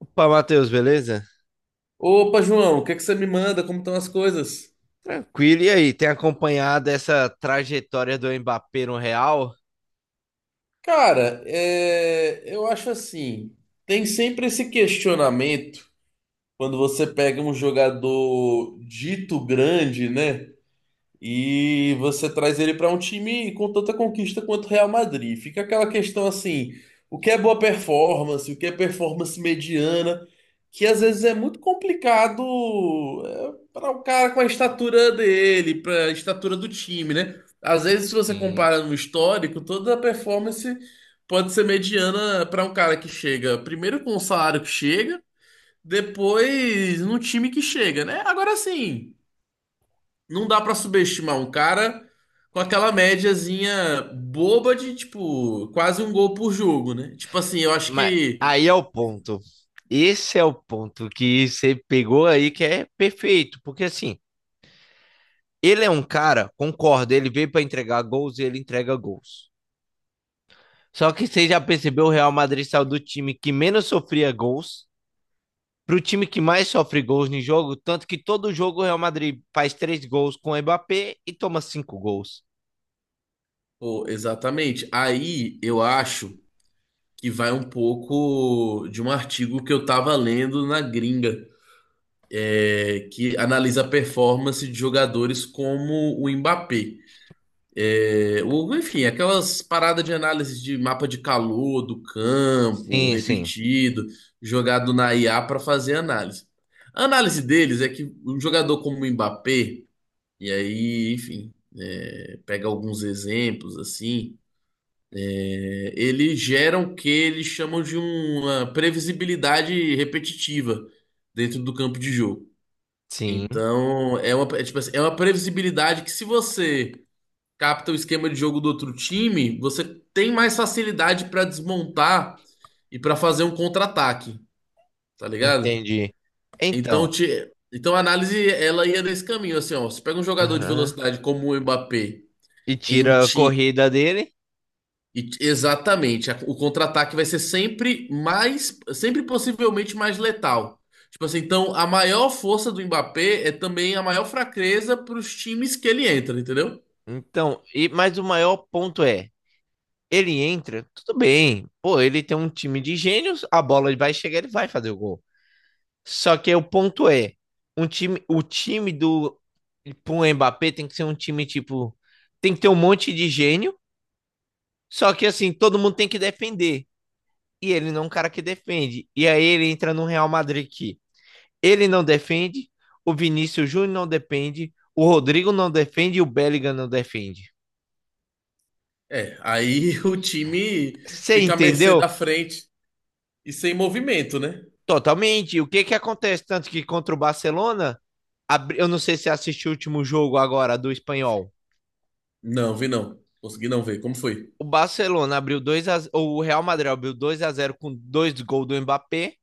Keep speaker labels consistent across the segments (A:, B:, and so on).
A: Opa, Matheus, beleza?
B: Opa, João, o que é que você me manda? Como estão as coisas?
A: Tranquilo. E aí, tem acompanhado essa trajetória do Mbappé no Real?
B: Cara, é, eu acho assim, tem sempre esse questionamento quando você pega um jogador dito grande, né? E você traz ele para um time com tanta conquista quanto o Real Madrid. Fica aquela questão assim, o que é boa performance, o que é performance mediana, que às vezes é muito complicado para o cara com a estatura dele, para a estatura do time, né? Às vezes, se você
A: Sim.
B: compara no histórico, toda a performance pode ser mediana para um cara que chega primeiro com o salário que chega, depois no time que chega, né? Agora sim não dá pra subestimar um cara com aquela médiazinha boba de, tipo, quase um gol por jogo, né? Tipo assim, eu acho
A: Mas
B: que.
A: aí é o ponto. Esse é o ponto que você pegou aí que é perfeito, porque assim, ele é um cara, concordo, ele veio para entregar gols e ele entrega gols. Só que você já percebeu, o Real Madrid saiu do time que menos sofria gols para o time que mais sofre gols no jogo, tanto que todo jogo o Real Madrid faz três gols com o Mbappé e toma cinco gols.
B: Pô, exatamente. Aí eu acho que vai um pouco de um artigo que eu tava lendo na gringa, que analisa a performance de jogadores como o Mbappé. Enfim, aquelas paradas de análise de mapa de calor do campo,
A: Sim, sim.
B: repetido, jogado na IA para fazer análise. A análise deles é que um jogador como o Mbappé, e aí, enfim, pega alguns exemplos assim, ele gera o que eles chamam de uma previsibilidade repetitiva dentro do campo de jogo.
A: Sim.
B: Então, tipo assim, é uma previsibilidade que se você capta o esquema de jogo do outro time, você tem mais facilidade pra desmontar e pra fazer um contra-ataque, tá ligado?
A: Entendi.
B: Então,
A: Então,
B: então a análise ela ia nesse caminho, assim, ó, você pega um jogador de
A: aham.
B: velocidade como o Mbappé
A: E
B: em um
A: tira a
B: time
A: corrida dele.
B: exatamente, o contra-ataque vai ser sempre mais, sempre possivelmente mais letal. Tipo assim, então a maior força do Mbappé é também a maior fraqueza para os times que ele entra, entendeu?
A: Então, e mas o maior ponto é, ele entra, tudo bem. Pô, ele tem um time de gênios, a bola vai chegar, ele vai fazer o gol. Só que o ponto é, o time do pro Mbappé tem que ser um time tipo, tem que ter um monte de gênio, só que assim, todo mundo tem que defender. E ele não é um cara que defende. E aí ele entra no Real Madrid. Ele não defende, o Vinícius Júnior não defende, o Rodrigo não defende e o Bellingham não defende.
B: É, aí o time
A: Você
B: fica à mercê
A: entendeu?
B: da frente e sem movimento, né?
A: Totalmente. O que que acontece? Tanto que contra o Barcelona, eu não sei se assistiu o último jogo agora do Espanhol.
B: Não, vi não. Consegui não ver. Como foi?
A: O Barcelona abriu 2 a... zero, o Real Madrid abriu 2 a zero com dois gols do Mbappé.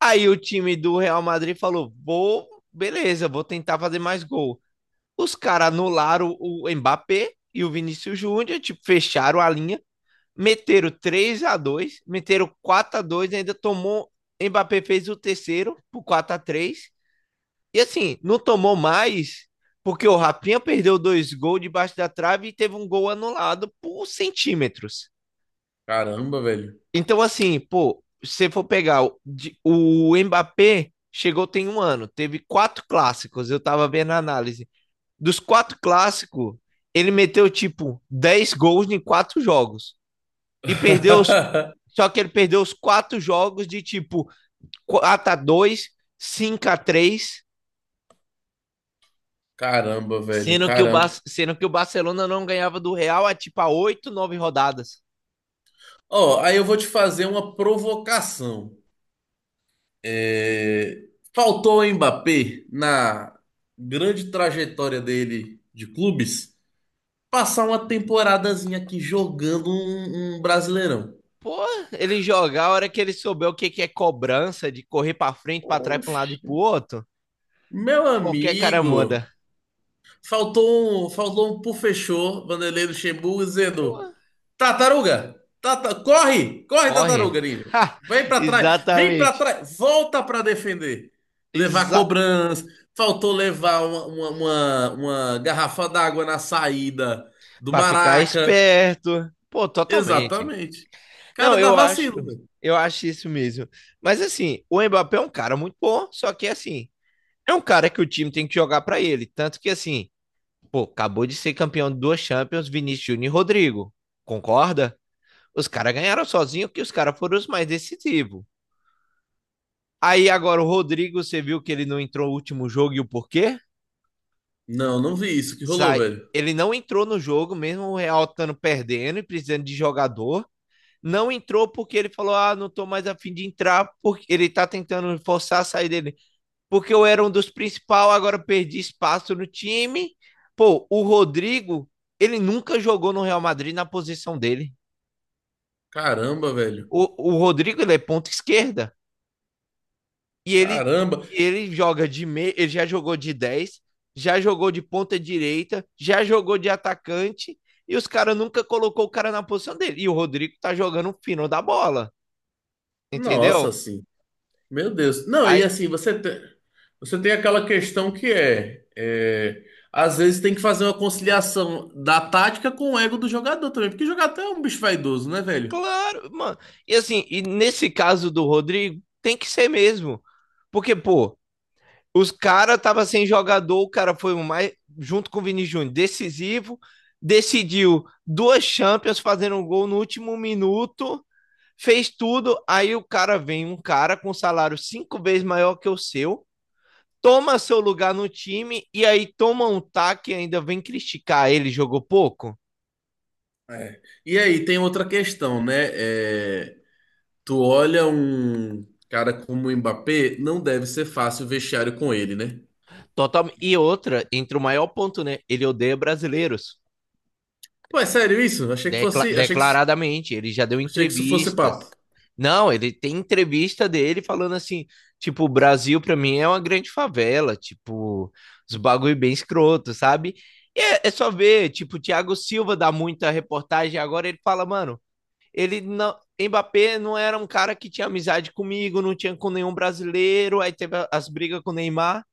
A: Aí o time do Real Madrid falou: "Vou, beleza, vou tentar fazer mais gol". Os caras anularam o Mbappé e o Vinícius Júnior, tipo, fecharam a linha. Meteram 3 a 2, meteram 4 a 2, ainda tomou. Mbappé fez o terceiro por 4 a três. E assim, não tomou mais, porque o Rapinha perdeu dois gols debaixo da trave e teve um gol anulado por centímetros.
B: Caramba, velho.
A: Então, assim, pô, se for pegar o Mbappé, chegou tem um ano, teve quatro clássicos, eu tava vendo a análise. Dos quatro clássicos, ele meteu tipo 10 gols em quatro jogos. E perdeu os. Só que ele perdeu os quatro jogos de tipo quatro a dois, cinco a três,
B: Caramba, velho.
A: sendo que,
B: Caramba.
A: sendo que o Barcelona não ganhava do Real há tipo a 8 9 rodadas.
B: Ó, aí eu vou te fazer uma provocação. É, Faltou o Mbappé na grande trajetória dele de clubes passar uma temporadazinha aqui jogando um Brasileirão.
A: Pô, ele jogar a hora que ele souber o que, que é cobrança, de correr pra frente, pra trás, pra um lado e
B: Oxe,
A: pro outro,
B: meu
A: qualquer cara
B: amigo.
A: manda.
B: Faltou um por fechou, Vanderlei Luxemburgo, dizendo:
A: Pô,
B: Tartaruga, corre, corre,
A: corre.
B: tartaruga, ninja. Vem pra
A: Exatamente.
B: trás, volta pra defender. Levar
A: Exato.
B: cobrança, faltou levar uma garrafa d'água na saída do
A: Pra ficar
B: Maraca.
A: esperto. Pô, totalmente.
B: Exatamente. Cara,
A: Não,
B: dá vacilo, velho.
A: eu acho isso mesmo. Mas assim, o Mbappé é um cara muito bom, só que assim, é um cara que o time tem que jogar pra ele, tanto que assim, pô, acabou de ser campeão de duas Champions, Vinícius Júnior e Rodrigo. Concorda? Os caras ganharam sozinho que os caras foram os mais decisivos. Aí agora o Rodrigo, você viu que ele não entrou no último jogo e o porquê?
B: Não, não vi isso que rolou,
A: Sai,
B: velho.
A: ele não entrou no jogo mesmo o Real estando perdendo e precisando de jogador. Não entrou porque ele falou: ah, não tô mais afim de entrar, porque ele tá tentando forçar a sair dele. Porque eu era um dos principais, agora perdi espaço no time. Pô, o Rodrigo, ele nunca jogou no Real Madrid na posição dele.
B: Caramba, velho.
A: O Rodrigo, ele é ponta esquerda. E ele,
B: Caramba.
A: ele joga de meio, ele já jogou de dez, já jogou de ponta direita, já jogou de atacante. E os caras nunca colocou o cara na posição dele. E o Rodrigo tá jogando o fino da bola,
B: Nossa,
A: entendeu?
B: assim. Meu Deus. Não, e
A: Aí,
B: assim, você tem aquela questão que é, às vezes tem que fazer uma conciliação da tática com o ego do jogador também, porque jogador é um bicho vaidoso, né, velho?
A: claro, mano. E assim, e nesse caso do Rodrigo, tem que ser mesmo. Porque, pô, os caras tava sem jogador, o cara foi o mais, junto com o Vini Júnior, decisivo, decidiu duas Champions fazendo um gol no último minuto, fez tudo, aí o cara vem, um cara com salário cinco vezes maior que o seu, toma seu lugar no time e aí toma um taque e ainda vem criticar ele, jogou pouco.
B: É. E aí tem outra questão, né? Tu olha um cara como o Mbappé, não deve ser fácil o vestiário com ele, né?
A: Total... E outra, entre o maior ponto, né? Ele odeia brasileiros.
B: Pô, é sério isso?
A: Declaradamente, ele já deu
B: Achei que isso fosse papo.
A: entrevistas. Não, ele tem entrevista dele falando assim, tipo, o Brasil pra mim é uma grande favela, tipo, os bagulho bem escroto, sabe? E é, é só ver, tipo, o Thiago Silva dá muita reportagem agora, ele fala, mano, ele não, Mbappé não era um cara que tinha amizade comigo, não tinha com nenhum brasileiro, aí teve as brigas com o Neymar.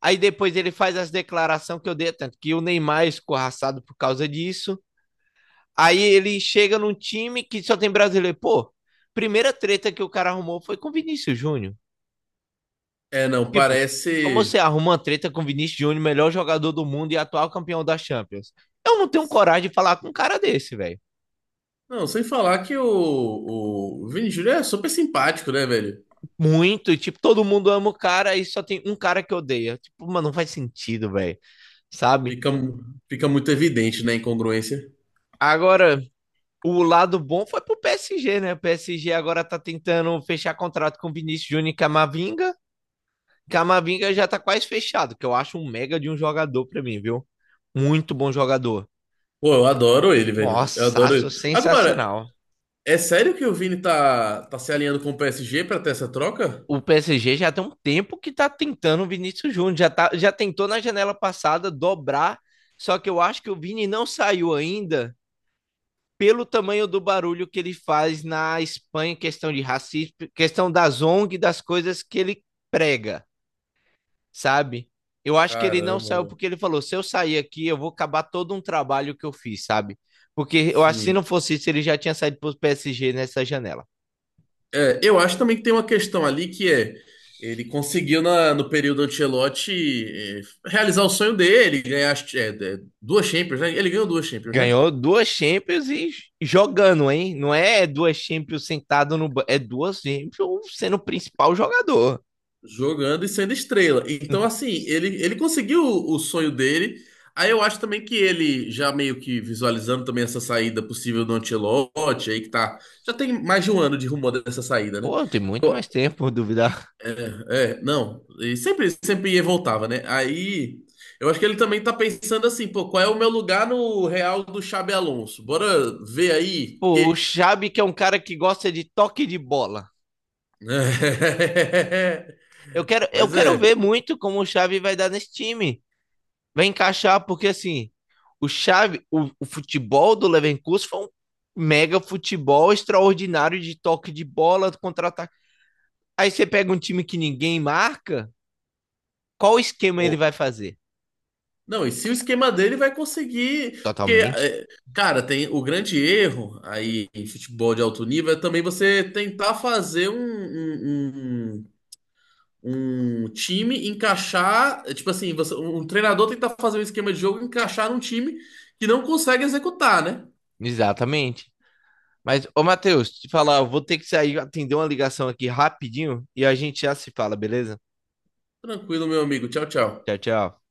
A: Aí depois ele faz as declarações que eu dei, tanto que o Neymar é escorraçado por causa disso. Aí ele chega num time que só tem brasileiro. Pô, primeira treta que o cara arrumou foi com o Vinícius Júnior.
B: É, não,
A: Tipo, como você
B: parece.
A: arruma uma treta com o Vinícius Júnior, melhor jogador do mundo e atual campeão da Champions? Eu não tenho coragem de falar com um cara desse, velho.
B: Não, sem falar que o Vini Júnior é super simpático, né, velho?
A: Muito, tipo, todo mundo ama o cara e só tem um cara que odeia. Tipo, mano, não faz sentido, velho. Sabe?
B: Fica, fica muito evidente, né, a incongruência.
A: Agora, o lado bom foi pro PSG, né? O PSG agora tá tentando fechar contrato com o Vinícius Júnior e Camavinga. Camavinga já tá quase fechado, que eu acho um mega de um jogador pra mim, viu? Muito bom jogador.
B: Pô, eu adoro ele, velho. Eu
A: Nossa,
B: adoro
A: acho
B: ele. Agora,
A: sensacional.
B: é sério que o Vini tá se alinhando com o PSG pra ter essa troca?
A: O PSG já tem um tempo que tá tentando o Vinícius Júnior, já, tá, já tentou na janela passada dobrar, só que eu acho que o Vini não saiu ainda pelo tamanho do barulho que ele faz na Espanha, questão de racismo, questão das ONG, das coisas que ele prega. Sabe? Eu acho que ele não
B: Caramba,
A: saiu
B: velho.
A: porque ele falou: se eu sair aqui, eu vou acabar todo um trabalho que eu fiz, sabe? Porque eu acho que se não
B: Sim.
A: fosse isso, ele já tinha saído pro PSG nessa janela.
B: Eu acho também que tem uma questão ali que é ele conseguiu no período Ancelotti eh, realizar o sonho dele, ganhar duas Champions, né? Ele ganhou duas Champions, né?
A: Ganhou duas Champions e jogando, hein? Não é duas Champions sentado no banco, é duas Champions sendo o principal jogador.
B: Jogando e sendo estrela. Então, assim, ele conseguiu o sonho dele. Aí eu acho também que ele, já meio que visualizando também essa saída possível do Ancelotti, aí que tá. Já tem mais de um ano de rumor dessa saída, né?
A: Pô, tem muito
B: Eu-
A: mais tempo, por duvidar.
B: não. E sempre, sempre ia e voltava, né? Aí eu acho que ele também tá pensando assim, pô, qual é o meu lugar no Real do Xabi Alonso? Bora ver aí,
A: Pô, o
B: porque.
A: Xabi que é um cara que gosta de toque de bola. Eu
B: Pois
A: quero
B: é.
A: ver muito como o Xabi vai dar nesse time. Vai encaixar, porque assim, o chave, o futebol do Leverkusen foi um mega futebol extraordinário de toque de bola, contra-ataque. Aí você pega um time que ninguém marca, qual esquema ele vai fazer?
B: Não, e se o esquema dele vai conseguir. Porque,
A: Totalmente.
B: cara, tem o grande erro aí em futebol de alto nível é também você tentar fazer um time encaixar. Tipo assim, um treinador tentar fazer um esquema de jogo e encaixar num time que não consegue executar, né?
A: Exatamente. Mas, ô Matheus, te falar, eu vou ter que sair atender uma ligação aqui rapidinho e a gente já se fala, beleza?
B: Tranquilo, meu amigo. Tchau,
A: Tchau,
B: tchau.
A: tchau.